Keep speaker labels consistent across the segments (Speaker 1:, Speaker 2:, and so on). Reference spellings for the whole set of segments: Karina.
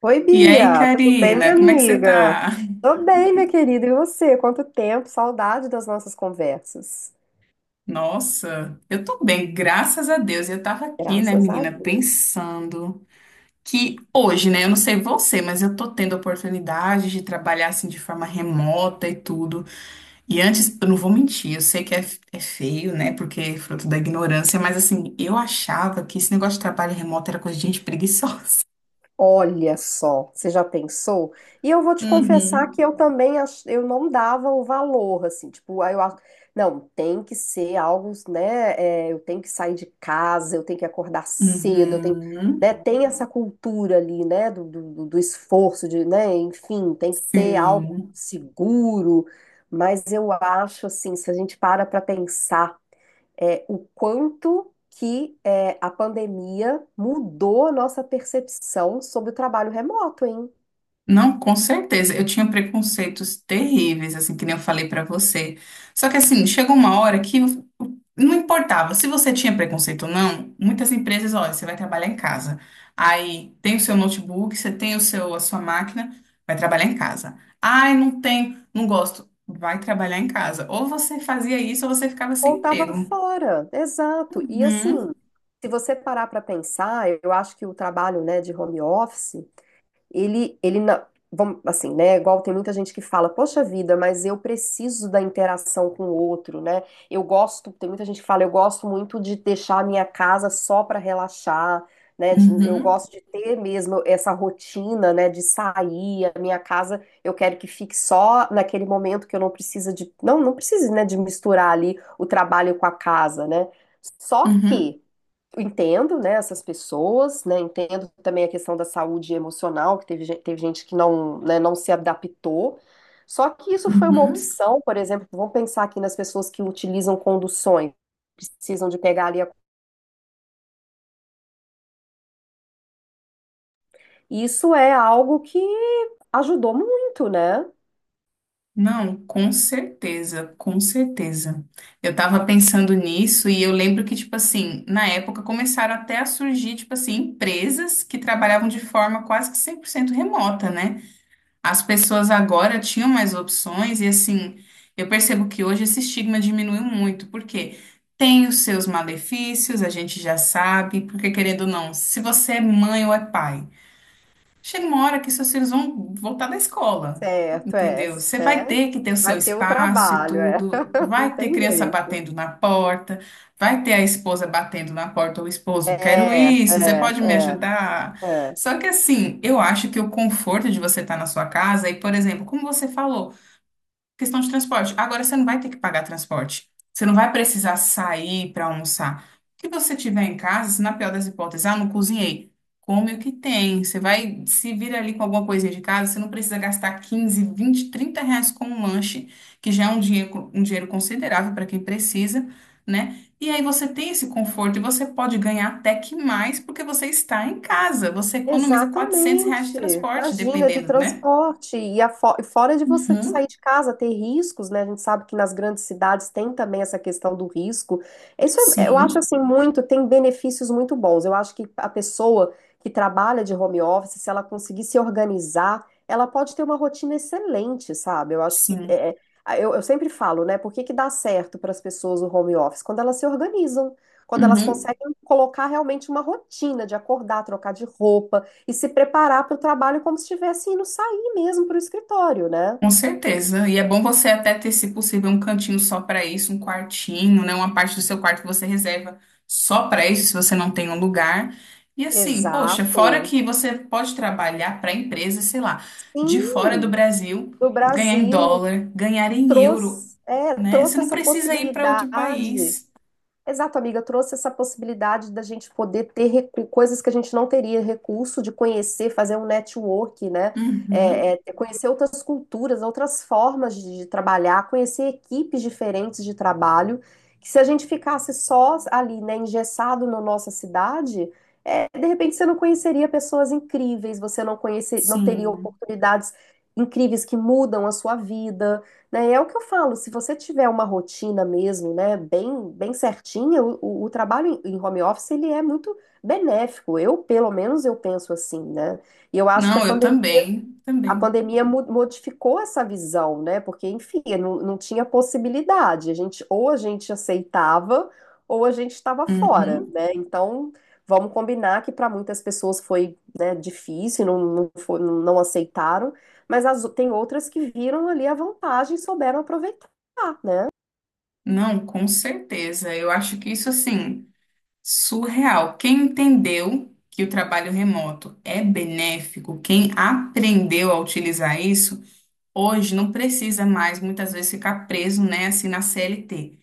Speaker 1: Oi,
Speaker 2: E aí,
Speaker 1: Bia, tudo bem, minha
Speaker 2: Karina, como é que você
Speaker 1: amiga?
Speaker 2: tá?
Speaker 1: Tô bem, minha querida, e você? Quanto tempo? Saudade das nossas conversas.
Speaker 2: Nossa, eu tô bem, graças a Deus. Eu tava aqui, né,
Speaker 1: Graças a
Speaker 2: menina,
Speaker 1: Deus.
Speaker 2: pensando que hoje, né, eu não sei você, mas eu tô tendo a oportunidade de trabalhar assim de forma remota e tudo. E antes, eu não vou mentir, eu sei que é feio, né, porque é fruto da ignorância, mas assim, eu achava que esse negócio de trabalho remoto era coisa de gente preguiçosa.
Speaker 1: Olha só, você já pensou? E eu vou te confessar
Speaker 2: Uhum.
Speaker 1: que eu também eu não dava o valor, assim, tipo, aí eu acho, não, tem que ser algo, né? É, eu tenho que sair de casa, eu tenho que acordar cedo, eu tenho,
Speaker 2: Uhum.
Speaker 1: né? Tem essa cultura ali, né? Do esforço, de, né? Enfim, tem que ter algo
Speaker 2: Sim.
Speaker 1: seguro. Mas eu acho assim, se a gente para pensar é, o quanto que é, a pandemia mudou a nossa percepção sobre o trabalho remoto, hein?
Speaker 2: Não, com certeza. Eu tinha preconceitos terríveis, assim, que nem eu falei pra você. Só que assim, chegou uma hora que não importava se você tinha preconceito ou não. Muitas empresas, olha, você vai trabalhar em casa. Aí tem o seu notebook, você tem o seu a sua máquina, vai trabalhar em casa. Ai, não tem, não gosto. Vai trabalhar em casa. Ou você fazia isso ou você ficava
Speaker 1: Ou
Speaker 2: sem
Speaker 1: estava
Speaker 2: emprego.
Speaker 1: fora, exato. E assim,
Speaker 2: Uhum,
Speaker 1: se você parar para pensar, eu acho que o trabalho, né, de home office vamos, assim, né? Igual tem muita gente que fala, poxa vida, mas eu preciso da interação com o outro, né? Eu gosto, tem muita gente que fala, eu gosto muito de deixar a minha casa só para relaxar, né? Eu
Speaker 2: uhum,
Speaker 1: gosto de ter mesmo essa rotina, né? De sair, a minha casa, eu quero que fique só naquele momento que eu não precise, né? De misturar ali o trabalho com a casa, né? Só
Speaker 2: uhum,
Speaker 1: que eu entendo, né, essas pessoas, né, entendo também a questão da saúde emocional, que teve gente que não, né, não se adaptou. Só que isso foi uma
Speaker 2: uhum.
Speaker 1: opção, por exemplo, vamos pensar aqui nas pessoas que utilizam conduções, precisam de pegar ali a... Isso é algo que ajudou muito, né?
Speaker 2: Não, com certeza, com certeza. Eu tava pensando nisso e eu lembro que, tipo assim, na época começaram até a surgir, tipo assim, empresas que trabalhavam de forma quase que 100% remota, né? As pessoas agora tinham mais opções e, assim, eu percebo que hoje esse estigma diminuiu muito, porque tem os seus malefícios, a gente já sabe, porque querendo ou não, se você é mãe ou é pai. Chega uma hora que seus filhos vão voltar da escola,
Speaker 1: Certo, é,
Speaker 2: entendeu? Você vai
Speaker 1: né?
Speaker 2: ter que ter o seu
Speaker 1: Vai ter o
Speaker 2: espaço e
Speaker 1: trabalho, é.
Speaker 2: tudo,
Speaker 1: Não
Speaker 2: vai ter
Speaker 1: tem
Speaker 2: criança
Speaker 1: jeito.
Speaker 2: batendo na porta, vai ter a esposa batendo na porta, o esposo, quero
Speaker 1: É,
Speaker 2: isso, você
Speaker 1: é,
Speaker 2: pode me
Speaker 1: é,
Speaker 2: ajudar?
Speaker 1: é.
Speaker 2: Só que assim, eu acho que o conforto de você estar na sua casa, e por exemplo, como você falou, questão de transporte. Agora você não vai ter que pagar transporte. Você não vai precisar sair para almoçar. O que você tiver em casa, se na pior das hipóteses, ah, não cozinhei. Come o que tem. Você vai se vira ali com alguma coisinha de casa, você não precisa gastar 15 20 30 reais com um lanche, que já é um dinheiro considerável para quem precisa, né? E aí você tem esse conforto e você pode ganhar até que mais porque você está em casa. Você economiza 400 reais de
Speaker 1: Exatamente.
Speaker 2: transporte,
Speaker 1: Imagina, de
Speaker 2: dependendo, né?
Speaker 1: transporte. E, e fora de você sair
Speaker 2: Uhum.
Speaker 1: de casa, ter riscos, né? A gente sabe que nas grandes cidades tem também essa questão do risco. Eu acho
Speaker 2: Sim,
Speaker 1: assim muito, tem benefícios muito bons. Eu acho que a pessoa que trabalha de home office, se ela conseguir se organizar, ela pode ter uma rotina excelente, sabe? Eu acho que
Speaker 2: sim.
Speaker 1: é, eu sempre falo, né? Por que que dá certo para as pessoas o home office? Quando elas se organizam. Quando elas
Speaker 2: Uhum,
Speaker 1: conseguem colocar realmente uma rotina de acordar, trocar de roupa e se preparar para o trabalho como se estivesse indo sair mesmo para o escritório, né?
Speaker 2: com certeza. E é bom você até ter, se possível, um cantinho só para isso, um quartinho, né? Uma parte do seu quarto que você reserva só para isso, se você não tem um lugar. E assim, poxa, fora
Speaker 1: Exato.
Speaker 2: que você pode trabalhar para empresas, sei lá, de
Speaker 1: Sim,
Speaker 2: fora do Brasil,
Speaker 1: no
Speaker 2: ganhar em
Speaker 1: Brasil
Speaker 2: dólar, ganhar em euro,
Speaker 1: trouxe, é,
Speaker 2: né? Você
Speaker 1: trouxe
Speaker 2: não
Speaker 1: essa
Speaker 2: precisa ir para outro
Speaker 1: possibilidade.
Speaker 2: país.
Speaker 1: Exato, amiga, trouxe essa possibilidade da gente poder ter coisas que a gente não teria recurso, de conhecer, fazer um network, né?
Speaker 2: Uhum,
Speaker 1: Conhecer outras culturas, outras formas de trabalhar, conhecer equipes diferentes de trabalho, que se a gente ficasse só ali, né, engessado na nossa cidade, é, de repente você não conheceria pessoas incríveis, você não conhece, não teria
Speaker 2: sim.
Speaker 1: oportunidades incríveis que mudam a sua vida, né? É o que eu falo, se você tiver uma rotina mesmo, né, bem, bem certinha, o, o trabalho em, em home office ele é muito benéfico. Eu, pelo menos, eu penso assim, né? E eu acho que
Speaker 2: Não, eu também,
Speaker 1: a
Speaker 2: também.
Speaker 1: pandemia modificou essa visão, né? Porque, enfim, não, não tinha possibilidade. A gente, ou a gente aceitava, ou a gente estava fora,
Speaker 2: Uhum.
Speaker 1: né? Então, vamos combinar que para muitas pessoas foi, né, difícil, não aceitaram, mas as, tem outras que viram ali a vantagem e souberam aproveitar, né?
Speaker 2: Não, com certeza. Eu acho que isso assim. Surreal. Quem entendeu que o trabalho remoto é benéfico, quem aprendeu a utilizar isso, hoje não precisa mais muitas vezes ficar preso, né, assim na CLT.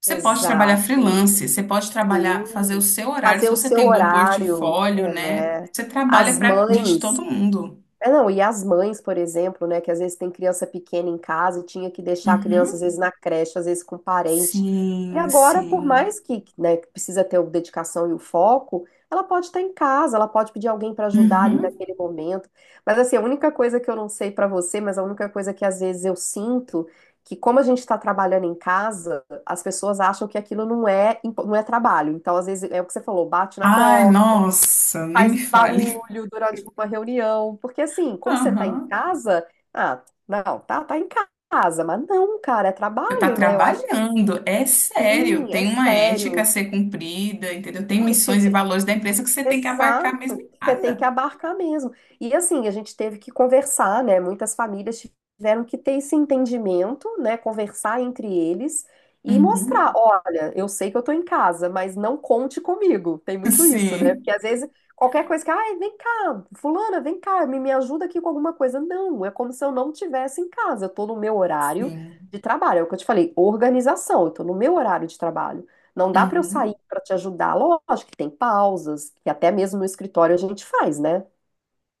Speaker 2: Você pode trabalhar
Speaker 1: Exato,
Speaker 2: freelance, você pode
Speaker 1: sim.
Speaker 2: trabalhar, fazer o seu horário,
Speaker 1: Fazer
Speaker 2: se
Speaker 1: o
Speaker 2: você
Speaker 1: seu
Speaker 2: tem um bom
Speaker 1: horário,
Speaker 2: portfólio, né?
Speaker 1: né?
Speaker 2: Você
Speaker 1: As
Speaker 2: trabalha para gente de
Speaker 1: mães.
Speaker 2: todo mundo.
Speaker 1: É, não, e as mães, por exemplo, né, que às vezes tem criança pequena em casa e tinha que deixar a criança, às
Speaker 2: Uhum,
Speaker 1: vezes, na creche, às vezes com parente. E
Speaker 2: sim,
Speaker 1: agora, por mais
Speaker 2: sim.
Speaker 1: que, né, que precisa ter a dedicação e o foco, ela pode estar em casa, ela pode pedir alguém para ajudar ali
Speaker 2: Uhum,
Speaker 1: naquele momento. Mas, assim, a única coisa que eu não sei para você, mas a única coisa que às vezes eu sinto, que como a gente está trabalhando em casa, as pessoas acham que aquilo não é trabalho. Então, às vezes, é o que você falou, bate na
Speaker 2: ai,
Speaker 1: porta,
Speaker 2: nossa, nem me
Speaker 1: faz
Speaker 2: fale.
Speaker 1: barulho durante uma reunião, porque assim, como você tá em
Speaker 2: Aham.
Speaker 1: casa, ah, não, tá em casa, mas não, cara, é
Speaker 2: Você está
Speaker 1: trabalho, né? Eu acho que
Speaker 2: trabalhando, é sério.
Speaker 1: sim, é
Speaker 2: Tem uma ética a
Speaker 1: sério.
Speaker 2: ser cumprida, entendeu? Tem
Speaker 1: Não, e te,
Speaker 2: missões e valores da empresa que você tem que abarcar mesmo
Speaker 1: exato,
Speaker 2: em
Speaker 1: você tem que
Speaker 2: casa.
Speaker 1: abarcar mesmo. E assim, a gente teve que conversar, né? Muitas famílias tiveram que ter esse entendimento, né? Conversar entre eles e
Speaker 2: Uhum.
Speaker 1: mostrar: olha, eu sei que eu tô em casa, mas não conte comigo. Tem muito isso, né?
Speaker 2: Sim,
Speaker 1: Porque às vezes qualquer coisa que, ai, vem cá, fulana, vem cá, me ajuda aqui com alguma coisa. Não, é como se eu não tivesse em casa, eu tô no meu horário
Speaker 2: sim.
Speaker 1: de trabalho. É o que eu te falei, organização, eu tô no meu horário de trabalho. Não dá para eu sair
Speaker 2: Uhum.
Speaker 1: para te ajudar. Lógico que tem pausas, que até mesmo no escritório a gente faz, né?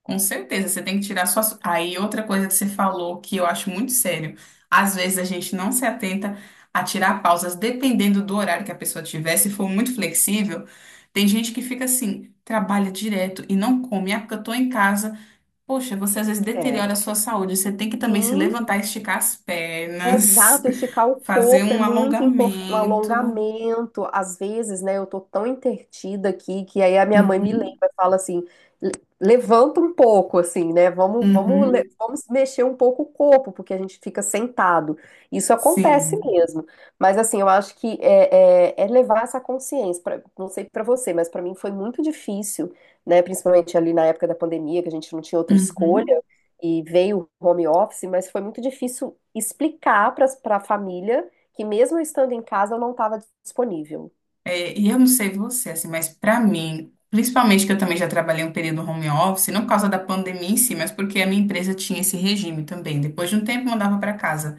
Speaker 2: Com certeza, você tem que tirar suas. Aí, outra coisa que você falou que eu acho muito sério. Às vezes a gente não se atenta a tirar pausas, dependendo do horário que a pessoa tiver. Se for muito flexível, tem gente que fica assim, trabalha direto e não come. Ah, porque eu tô em casa. Poxa, você às vezes
Speaker 1: É.
Speaker 2: deteriora a sua saúde. Você tem que também se
Speaker 1: Sim,
Speaker 2: levantar, esticar as pernas,
Speaker 1: exato, esticar o
Speaker 2: fazer
Speaker 1: corpo é
Speaker 2: um
Speaker 1: muito importante, um
Speaker 2: alongamento.
Speaker 1: alongamento. Às vezes, né, eu tô tão entretida aqui que aí a minha mãe me
Speaker 2: Uhum,
Speaker 1: lembra, fala assim, "Le- Levanta um pouco, assim, né? Vamos, vamos,
Speaker 2: uhum,
Speaker 1: vamos mexer um pouco o corpo, porque a gente fica sentado. Isso acontece
Speaker 2: sim.
Speaker 1: mesmo. Mas assim, eu acho que é, é levar essa consciência. Não sei pra você, mas pra mim foi muito difícil, né? Principalmente ali na época da pandemia, que a gente não tinha outra escolha
Speaker 2: Uhum.
Speaker 1: e veio home office, mas foi muito difícil explicar para a família que mesmo eu estando em casa eu não estava disponível.
Speaker 2: É, e eu não sei você, assim, mas pra mim, principalmente que eu também já trabalhei um período home office, não por causa da pandemia em si, mas porque a minha empresa tinha esse regime também. Depois de um tempo, mandava pra casa.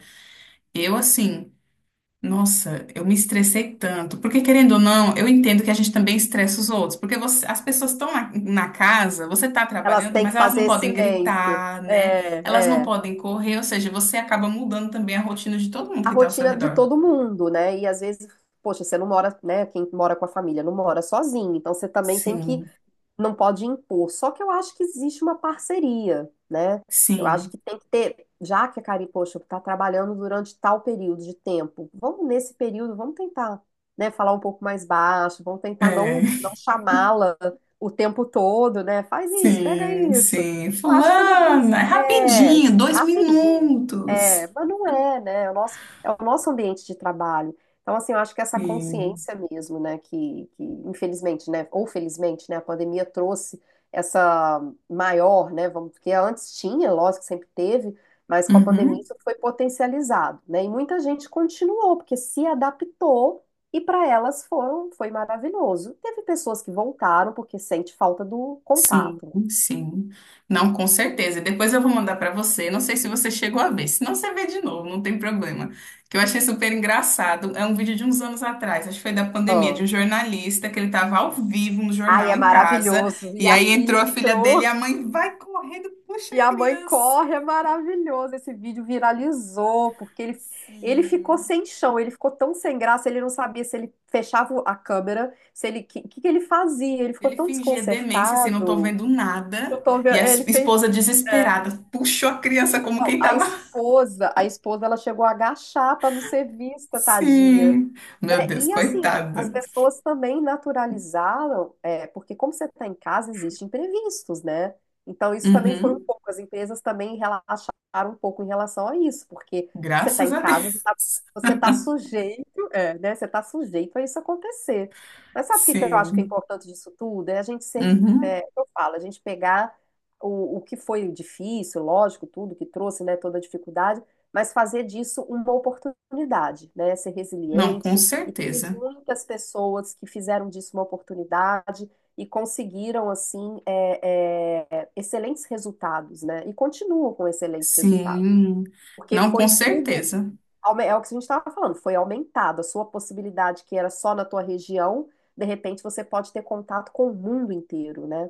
Speaker 2: Eu, assim. Nossa, eu me estressei tanto. Porque, querendo ou não, eu entendo que a gente também estressa os outros. Porque você- as pessoas estão na casa, você está
Speaker 1: Elas
Speaker 2: trabalhando,
Speaker 1: têm que
Speaker 2: mas elas não
Speaker 1: fazer
Speaker 2: podem
Speaker 1: silêncio.
Speaker 2: gritar, né? Elas
Speaker 1: É,
Speaker 2: não
Speaker 1: é.
Speaker 2: podem correr, ou seja, você acaba mudando também a rotina de todo mundo
Speaker 1: A
Speaker 2: que está ao seu
Speaker 1: rotina de
Speaker 2: redor.
Speaker 1: todo mundo, né? E às vezes, poxa, você não mora, né? Quem mora com a família não mora sozinho, então você também tem que,
Speaker 2: Sim,
Speaker 1: não pode impor. Só que eu acho que existe uma parceria, né? Eu acho
Speaker 2: sim.
Speaker 1: que tem que ter, já que a Cari, poxa, está trabalhando durante tal período de tempo, vamos nesse período, vamos tentar, né, falar um pouco mais baixo, vamos tentar
Speaker 2: É.
Speaker 1: não chamá-la o tempo todo, né? Faz isso, pega
Speaker 2: Sim,
Speaker 1: isso.
Speaker 2: sim.
Speaker 1: Eu acho que é
Speaker 2: Fulana, é rapidinho, dois
Speaker 1: rapidinho. É,
Speaker 2: minutos.
Speaker 1: mas não é, né? É o nosso ambiente de trabalho. Então, assim, eu acho que essa
Speaker 2: Sim.
Speaker 1: consciência mesmo, né, que infelizmente, né, ou felizmente, né, a pandemia trouxe essa maior, né, vamos, porque antes tinha, lógico que sempre teve, mas com a pandemia
Speaker 2: Uhum.
Speaker 1: isso foi potencializado, né, e muita gente continuou, porque se adaptou e para elas foi maravilhoso. Teve pessoas que voltaram porque sente falta do
Speaker 2: Sim,
Speaker 1: contato.
Speaker 2: sim. Não, com certeza. E depois eu vou mandar para você. Não sei se você chegou a ver. Se não, você vê de novo, não tem problema. Que eu achei super engraçado. É um vídeo de uns anos atrás, acho que foi da pandemia,
Speaker 1: Ah,
Speaker 2: de um jornalista que ele estava ao vivo no
Speaker 1: ai, é
Speaker 2: jornal em casa.
Speaker 1: maravilhoso, e
Speaker 2: E
Speaker 1: a
Speaker 2: aí entrou
Speaker 1: filha
Speaker 2: a filha dele e
Speaker 1: entrou.
Speaker 2: a mãe vai correndo, puxa
Speaker 1: E
Speaker 2: a
Speaker 1: a mãe
Speaker 2: criança.
Speaker 1: corre, é maravilhoso. Esse vídeo viralizou, porque ele ficou
Speaker 2: Sim.
Speaker 1: sem chão, ele ficou tão sem graça, ele não sabia se ele fechava a câmera, se ele, o que, que ele fazia, ele ficou
Speaker 2: Ele
Speaker 1: tão
Speaker 2: fingia demência, assim, não tô
Speaker 1: desconcertado.
Speaker 2: vendo nada. E a
Speaker 1: Ele fez.
Speaker 2: esposa
Speaker 1: É.
Speaker 2: desesperada puxou a criança como
Speaker 1: Não,
Speaker 2: quem
Speaker 1: a
Speaker 2: tava.
Speaker 1: esposa, ela chegou a agachar para não ser vista, tadinha.
Speaker 2: Sim. Meu
Speaker 1: É,
Speaker 2: Deus,
Speaker 1: e assim, as
Speaker 2: coitada.
Speaker 1: pessoas também naturalizaram, é, porque como você está em casa, existem imprevistos, né? Então, isso também foi um
Speaker 2: Uhum.
Speaker 1: pouco, as empresas também relaxaram um pouco em relação a isso, porque
Speaker 2: Graças a
Speaker 1: você
Speaker 2: Deus.
Speaker 1: está, você tá sujeito, é, né? Você está sujeito a isso acontecer. Mas sabe o que que eu acho que é
Speaker 2: Sim.
Speaker 1: importante disso tudo? É a gente sempre,
Speaker 2: Uhum.
Speaker 1: é, eu falo, a gente pegar o que foi difícil, lógico, tudo que trouxe, né, toda a dificuldade, mas fazer disso uma oportunidade, né? Ser
Speaker 2: Não, com
Speaker 1: resiliente e teve
Speaker 2: certeza.
Speaker 1: muitas pessoas que fizeram disso uma oportunidade e conseguiram, assim, excelentes resultados, né? E continuam com excelentes resultados.
Speaker 2: Sim.
Speaker 1: Porque
Speaker 2: Não, com
Speaker 1: foi tudo,
Speaker 2: certeza.
Speaker 1: é o que a gente estava falando, foi aumentado. A sua possibilidade, que era só na tua região, de repente você pode ter contato com o mundo inteiro, né?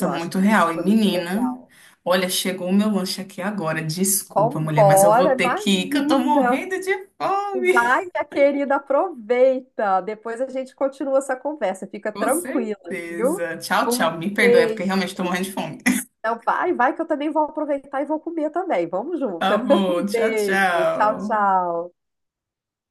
Speaker 1: Eu acho
Speaker 2: muito
Speaker 1: que isso
Speaker 2: real. E
Speaker 1: foi muito
Speaker 2: menina,
Speaker 1: legal.
Speaker 2: olha, chegou o meu lanche aqui agora. Desculpa, mulher, mas eu vou
Speaker 1: Vambora,
Speaker 2: ter que ir, que eu tô
Speaker 1: imagina!
Speaker 2: morrendo de
Speaker 1: Vai,
Speaker 2: fome.
Speaker 1: minha querida, aproveita. Depois a gente continua essa conversa. Fica
Speaker 2: Com
Speaker 1: tranquila, viu?
Speaker 2: certeza. Tchau,
Speaker 1: Um
Speaker 2: tchau. Me perdoe, é porque
Speaker 1: beijo.
Speaker 2: realmente tô morrendo de fome.
Speaker 1: Então, vai, vai, que eu também vou aproveitar e vou comer também. Vamos
Speaker 2: Tá
Speaker 1: juntas.
Speaker 2: bom.
Speaker 1: Um
Speaker 2: Tchau,
Speaker 1: beijo. Tchau,
Speaker 2: tchau.
Speaker 1: tchau.